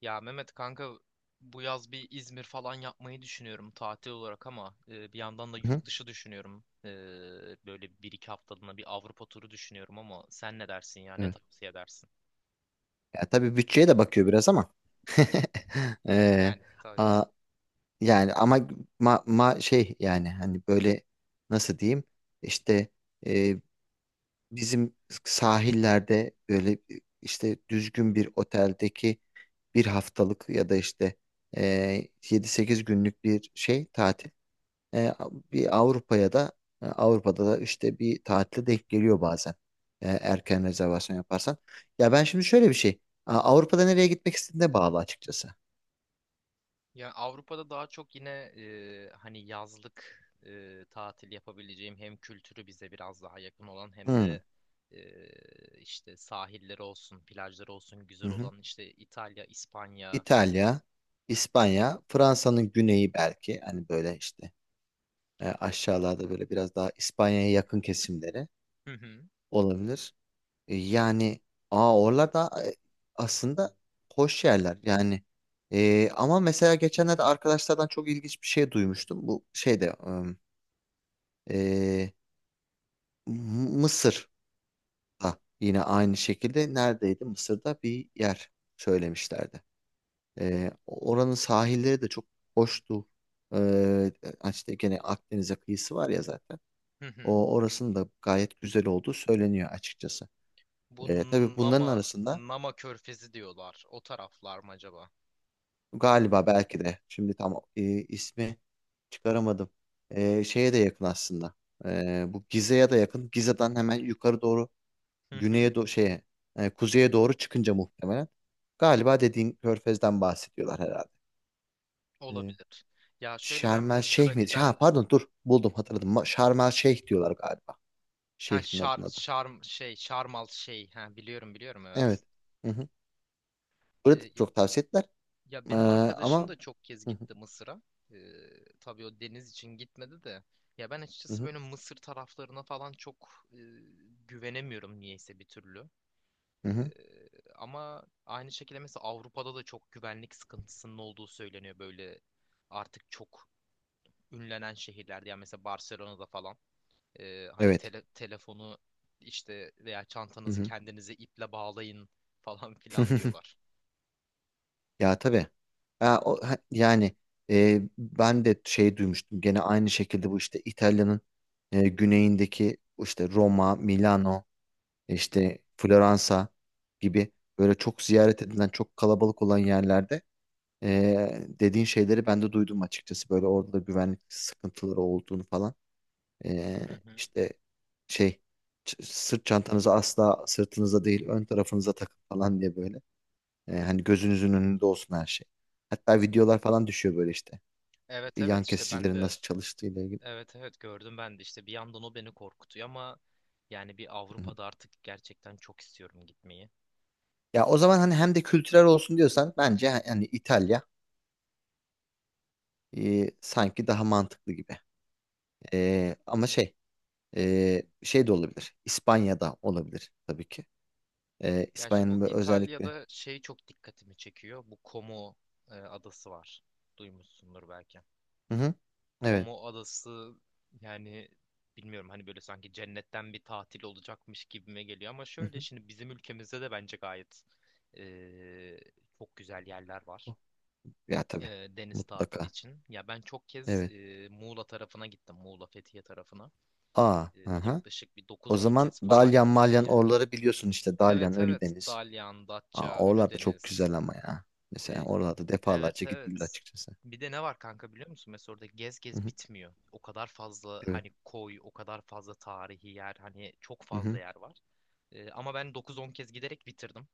Ya Mehmet kanka, bu yaz bir İzmir falan yapmayı düşünüyorum tatil olarak ama bir yandan da Hı, yurt dışı düşünüyorum. Böyle bir iki haftalığına bir Avrupa turu düşünüyorum ama sen ne dersin ya, ne evet. tavsiye edersin? Ya tabii bütçeye de bakıyor biraz ama. Ee, Yani tabii. a- Yani ama şey yani hani böyle nasıl diyeyim işte e, bizim sahillerde böyle işte düzgün bir oteldeki bir haftalık ya da işte e, 7-8 günlük bir şey tatil. E, bir Avrupa'ya da e, Avrupa'da da işte bir tatile denk geliyor bazen. Erken rezervasyon yaparsan. Ya ben şimdi şöyle bir şey. Avrupa'da nereye gitmek istediğine bağlı açıkçası. Ya Avrupa'da daha çok yine hani yazlık tatil yapabileceğim, hem kültürü bize biraz daha yakın olan hem Hmm. de e, işte sahilleri olsun, plajları olsun Hı güzel hı. olan, işte İtalya, İspanya. İtalya, İspanya, Fransa'nın güneyi belki hani böyle işte aşağılarda böyle biraz daha İspanya'ya yakın kesimleri Hı hı. olabilir. Yani oralar e, aslında hoş yerler yani. Ama mesela geçenlerde arkadaşlardan çok ilginç bir şey duymuştum. Bu şeyde, e, Mısır'da yine aynı şekilde neredeydi? Mısır'da bir yer söylemişlerdi. Oranın sahilleri de çok hoştu. E, Yani işte gene Akdeniz'e kıyısı var ya zaten. Hı hı. O orasının da gayet güzel olduğu söyleniyor açıkçası. Bu Tabii bunların Nama, arasında Nama Körfezi diyorlar. O taraflar mı acaba? galiba belki de. Şimdi tam ismi çıkaramadım. Şeye de yakın aslında. Bu Gize'ye de yakın. Gize'den hemen yukarı doğru Hı hı. güneye doğru şeye kuzeye doğru çıkınca muhtemelen. Galiba dediğin Körfez'den bahsediyorlar herhalde. E, Olabilir. Ya şöyle, ben Şarm El Mısır'a Şeyh miydi? giden... Ha pardon, dur buldum, hatırladım. Şarm El Şeyh diyorlar galiba. Ha, Şehrin Şar adına da. Şarm şey Şarmal şey ha, biliyorum, biliyorum, Evet. evet. Hı hı. Burada da Ee, çok tavsiye ettiler. ya E, benim arkadaşım ama da çok kez Hı hı, gitti Mısır'a. Tabii o deniz için gitmedi de. Ya ben hı açıkçası hı, böyle Mısır taraflarına falan çok güvenemiyorum niyeyse bir türlü. hı hı. Eee, ama aynı şekilde mesela Avrupa'da da çok güvenlik sıkıntısının olduğu söyleniyor, böyle artık çok ünlenen şehirlerde, yani mesela Barcelona'da falan hani Evet. Telefonu işte veya Hı çantanızı hı. kendinize iple bağlayın falan filan diyorlar. Ya tabii. Yani ben de şey duymuştum. Gene aynı şekilde bu işte İtalya'nın güneyindeki işte Roma, Milano, işte Floransa gibi böyle çok ziyaret edilen, çok kalabalık olan yerlerde dediğin şeyleri ben de duydum açıkçası. Böyle orada da güvenlik sıkıntıları olduğunu falan. E, Hı hı. işte şey, sırt çantanızı asla sırtınıza değil ön tarafınıza takın falan diye böyle. Hani gözünüzün önünde olsun her şey. Hatta videolar falan düşüyor böyle işte. Evet, Yan evet, işte ben kesicilerin de, nasıl çalıştığı ile ilgili. evet evet gördüm ben de işte. Bir yandan o beni korkutuyor ama yani bir Hı hı. Avrupa'da artık gerçekten çok istiyorum gitmeyi. Ya o zaman hani hem de kültürel olsun diyorsan bence hani İtalya sanki daha mantıklı gibi. Ama şey, şey de olabilir. İspanya'da olabilir tabii ki. Ya işte bu İspanya'nın böyle özellikle. İtalya'da şey çok dikkatimi çekiyor. Bu Como adası var. Duymuşsundur belki. Hı hı. Evet. Como adası yani, bilmiyorum, hani böyle sanki cennetten bir tatil olacakmış gibime geliyor. Ama Hı şöyle, hı. şimdi bizim ülkemizde de bence gayet e, çok güzel yerler var Oh, ya tabii. e, deniz tatili Mutlaka. için. Ya ben çok kez Evet. Muğla tarafına gittim, Muğla Fethiye tarafına. E, Aha. yaklaşık bir O 9-10 zaman kez falan Dalyan gittim Malyan yani. orları biliyorsun işte, Dalyan Evet evet. Ölüdeniz. Dalyan, Datça, Oralarda çok Ölüdeniz. güzel ama ya. Mesela E, oralarda Evet defalarca gidilir evet. açıkçası. Bir de ne var kanka, biliyor musun? Mesela orada gez Hı gez hı, bitmiyor. O kadar fazla evet. hani koy, o kadar fazla tarihi yer, hani çok Hı fazla hı. yer var. Ama ben 9-10 kez giderek bitirdim.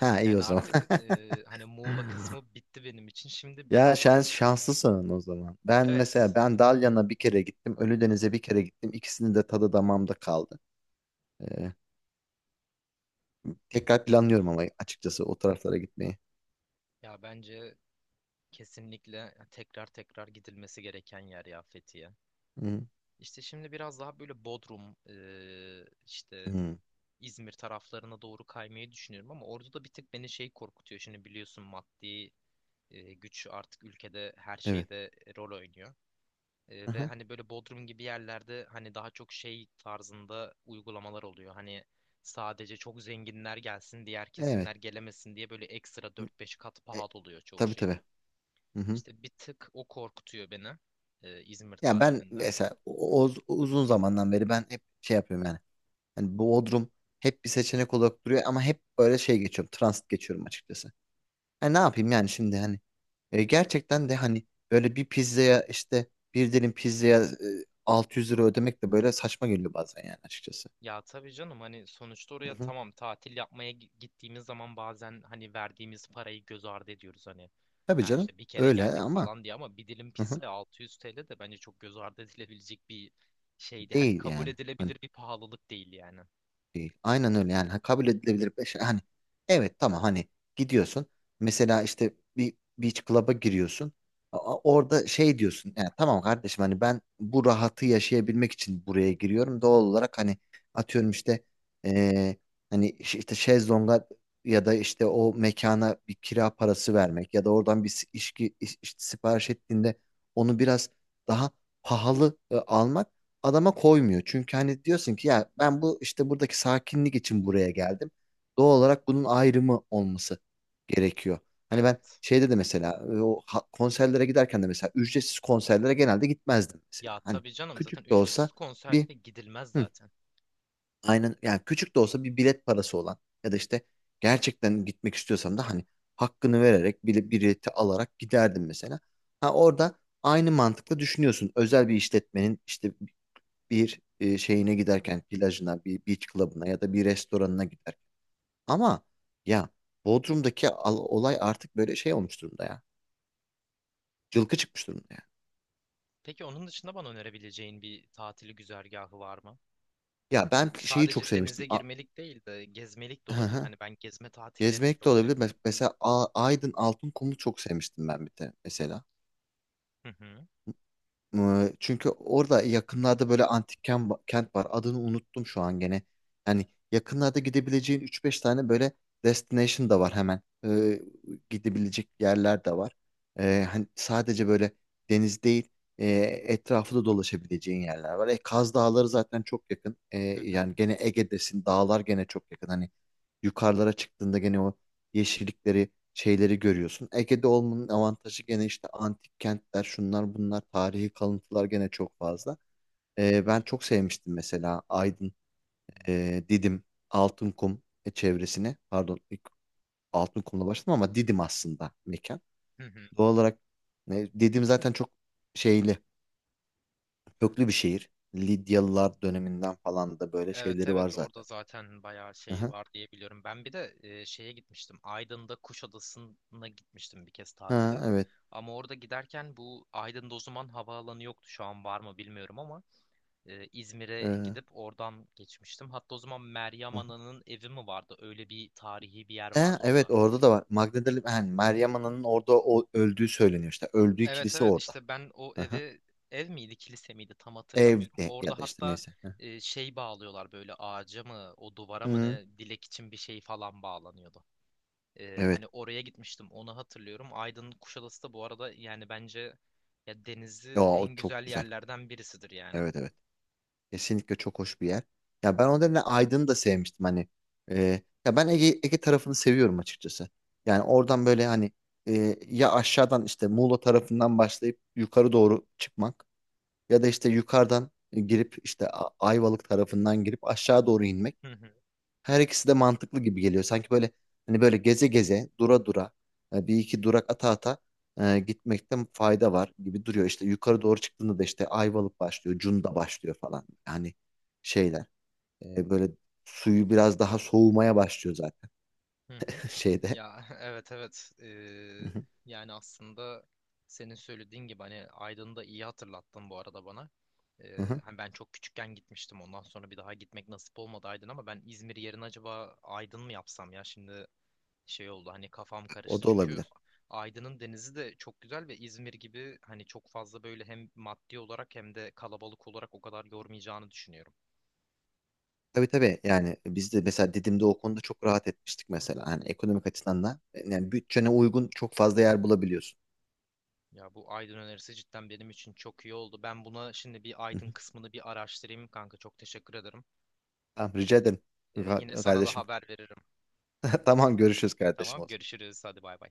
Ha, iyi Yani o zaman. artık hani Muğla kısmı bitti benim için. Şimdi Ya biraz daha, şanslısın o zaman. Ben evet. mesela ben Dalyan'a bir kere gittim. Ölüdeniz'e bir kere gittim. İkisinin de tadı damağımda kaldı. Ee, Tekrar planlıyorum ama açıkçası o taraflara gitmeyi. Ya bence kesinlikle tekrar tekrar gidilmesi gereken yer ya Fethiye. Hı İşte şimdi biraz daha böyle Bodrum, işte hı. İzmir taraflarına doğru kaymayı düşünüyorum ama orada da bir tık beni şey korkutuyor. Şimdi biliyorsun, maddi güç artık ülkede her Evet. şeyde rol oynuyor. Ve Aha. hani böyle Bodrum gibi yerlerde hani daha çok şey tarzında uygulamalar oluyor. Hani sadece çok zenginler gelsin, diğer Evet. kesimler gelemesin diye böyle ekstra 4-5 kat E, pahalı oluyor çoğu tabii şey. tabii. Hı hı. İşte bir tık o korkutuyor beni İzmir Ya ben tatilinde. mesela uzun zamandan beri ben hep şey yapıyorum yani. Hani Bodrum hep bir seçenek olarak duruyor ama hep böyle şey geçiyorum. Transit geçiyorum açıkçası. Hani ne yapayım yani şimdi hani gerçekten de hani böyle bir dilim pizzaya 600 lira ödemek de böyle saçma geliyor bazen yani açıkçası. Ya tabii canım, hani sonuçta Hı oraya, hı. tamam, tatil yapmaya gittiğimiz zaman bazen hani verdiğimiz parayı göz ardı ediyoruz hani. Tabii Ha, canım, işte bir kere öyle geldik ama. falan diye, ama bir dilim Hı hı. pizza 600 TL de bence çok göz ardı edilebilecek bir şeydi. Hani Değil kabul yani. Hani edilebilir bir pahalılık değil yani. değil. Aynen öyle yani. Ha, kabul edilebilir bir şey. Hani evet tamam, hani gidiyorsun. Mesela işte bir beach club'a giriyorsun. Orada şey diyorsun. Yani tamam kardeşim, hani ben bu rahatı yaşayabilmek için buraya giriyorum. Doğal olarak hani atıyorum işte, eee, hani işte şezlonga ya da işte o mekana bir kira parası vermek ya da oradan bir içki işte sipariş ettiğinde onu biraz daha pahalı almak adama koymuyor. Çünkü hani diyorsun ki ya, ben bu işte buradaki sakinlik için buraya geldim. Doğal olarak bunun ayrımı olması gerekiyor. Hani ben Evet. şeyde de mesela o konserlere giderken de mesela ücretsiz konserlere genelde gitmezdim mesela. Ya Hani tabii canım, zaten küçük de ücretsiz olsa bir, konserlere gidilmez hı, zaten. aynen yani küçük de olsa bir bilet parası olan ya da işte gerçekten gitmek istiyorsan da hani hakkını vererek, bile bileti alarak giderdim mesela. Ha, orada aynı mantıkla düşünüyorsun. Özel bir işletmenin işte bir şeyine giderken, plajına, bir beach club'ına ya da bir restoranına giderken. Ama ya, Bodrum'daki olay artık böyle şey olmuş durumda ya. Cılkı çıkmış durumda ya. Peki onun dışında bana önerebileceğin bir tatili güzergahı var mı? Ya Hani ben şeyi çok sadece denize sevmiştim. Girmelik değil de gezmelik de Hı olabilir. hı. Hani ben gezme tatillerini Gezmek de çok olabilir. seviyorum. Mesela Aydın Altınkum'u çok sevmiştim ben, bir de mesela. Hı hı. Çünkü orada yakınlarda böyle antik kent var. Adını unuttum şu an, gene. Yani yakınlarda gidebileceğin üç beş tane böyle destination da var hemen. Gidebilecek yerler de var. Hani sadece böyle deniz değil, e, etrafı da dolaşabileceğin yerler var. Kaz Dağları zaten çok yakın. Hı hı. Yani gene Ege'desin, dağlar gene çok yakın. Hani yukarılara çıktığında gene o yeşillikleri, şeyleri görüyorsun. Ege'de olmanın avantajı gene işte antik kentler, şunlar bunlar, tarihi kalıntılar gene çok fazla. Hı Ben çok sevmiştim mesela Aydın, Didim, Altınkum çevresini. Pardon, ilk Altınkum'la başladım ama Didim aslında mekan. hı. Doğal olarak Didim zaten çok şeyli, köklü bir şehir. Lidyalılar döneminden falan da böyle Evet şeyleri var evet, orada zaten. zaten bayağı şey Aha. var diye biliyorum. Ben bir de şeye gitmiştim, Aydın'da Kuşadası'na gitmiştim bir kez Ha, tatile. evet. Ama orada giderken, bu Aydın'da o zaman havaalanı yoktu, şu an var mı bilmiyorum ama İzmir'e Ee, gidip oradan geçmiştim. Hatta o zaman Meryem aha. Ana'nın evi mi vardı? Öyle bir tarihi bir yer He, vardı evet orada. orada da var. Magdalena yani Meryem Ana'nın orada öldüğü söyleniyor işte. Öldüğü Evet kilise evet, orada. işte ben o Hı-hı. eve, ev miydi kilise miydi tam hatırlamıyorum, Evde ya orada da işte hatta neyse. Şey bağlıyorlar böyle, ağaca mı o duvara mı Hı-hı. ne, dilek için bir şey falan bağlanıyordu. E, Evet. hani oraya gitmiştim, onu hatırlıyorum. Aydın Kuşadası da bu arada yani bence ya Ya denizi o en çok güzel güzel. yerlerden birisidir yani. Evet evet. Kesinlikle çok hoş bir yer. Ya ben o nedenle Aydın'ı da sevmiştim hani. Ya ben Ege tarafını seviyorum açıkçası. Yani oradan böyle hani ya aşağıdan işte Muğla tarafından başlayıp yukarı doğru çıkmak ya da işte yukarıdan girip işte Ayvalık tarafından girip aşağı doğru inmek. Hı hı, Her ikisi de mantıklı gibi geliyor. Sanki böyle hani böyle geze geze, dura dura, bir iki durak ata ata, gitmekte fayda var gibi duruyor. İşte yukarı doğru çıktığında da işte Ayvalık başlıyor, Cunda başlıyor falan. Yani şeyler böyle suyu biraz daha soğumaya başlıyor zaten, hı hı. şeyde. Ya evet evet. Hı Ee, hı, yani aslında senin söylediğin gibi, hani Aydın'ı da iyi hatırlattın bu arada bana. hı Ee, hı. hani ben çok küçükken gitmiştim, ondan sonra bir daha gitmek nasip olmadı Aydın, ama ben İzmir yerine acaba Aydın mı yapsam ya şimdi, şey oldu hani, kafam O karıştı. da Çünkü olabilir. Aydın'ın denizi de çok güzel ve İzmir gibi hani çok fazla böyle hem maddi olarak hem de kalabalık olarak o kadar yormayacağını düşünüyorum. Tabii tabii, yani biz de mesela Didim'de o konuda çok rahat etmiştik mesela. Hani ekonomik açıdan da yani bütçene uygun çok fazla yer bulabiliyorsun. Ya bu Aydın önerisi cidden benim için çok iyi oldu. Ben buna şimdi, bir Hı Aydın hı. kısmını bir araştırayım kanka. Çok teşekkür ederim. Tamam, rica ederim Yine sana da kardeşim. haber veririm. Tamam, görüşürüz kardeşim Tamam, o zaman. görüşürüz. Hadi bay bay.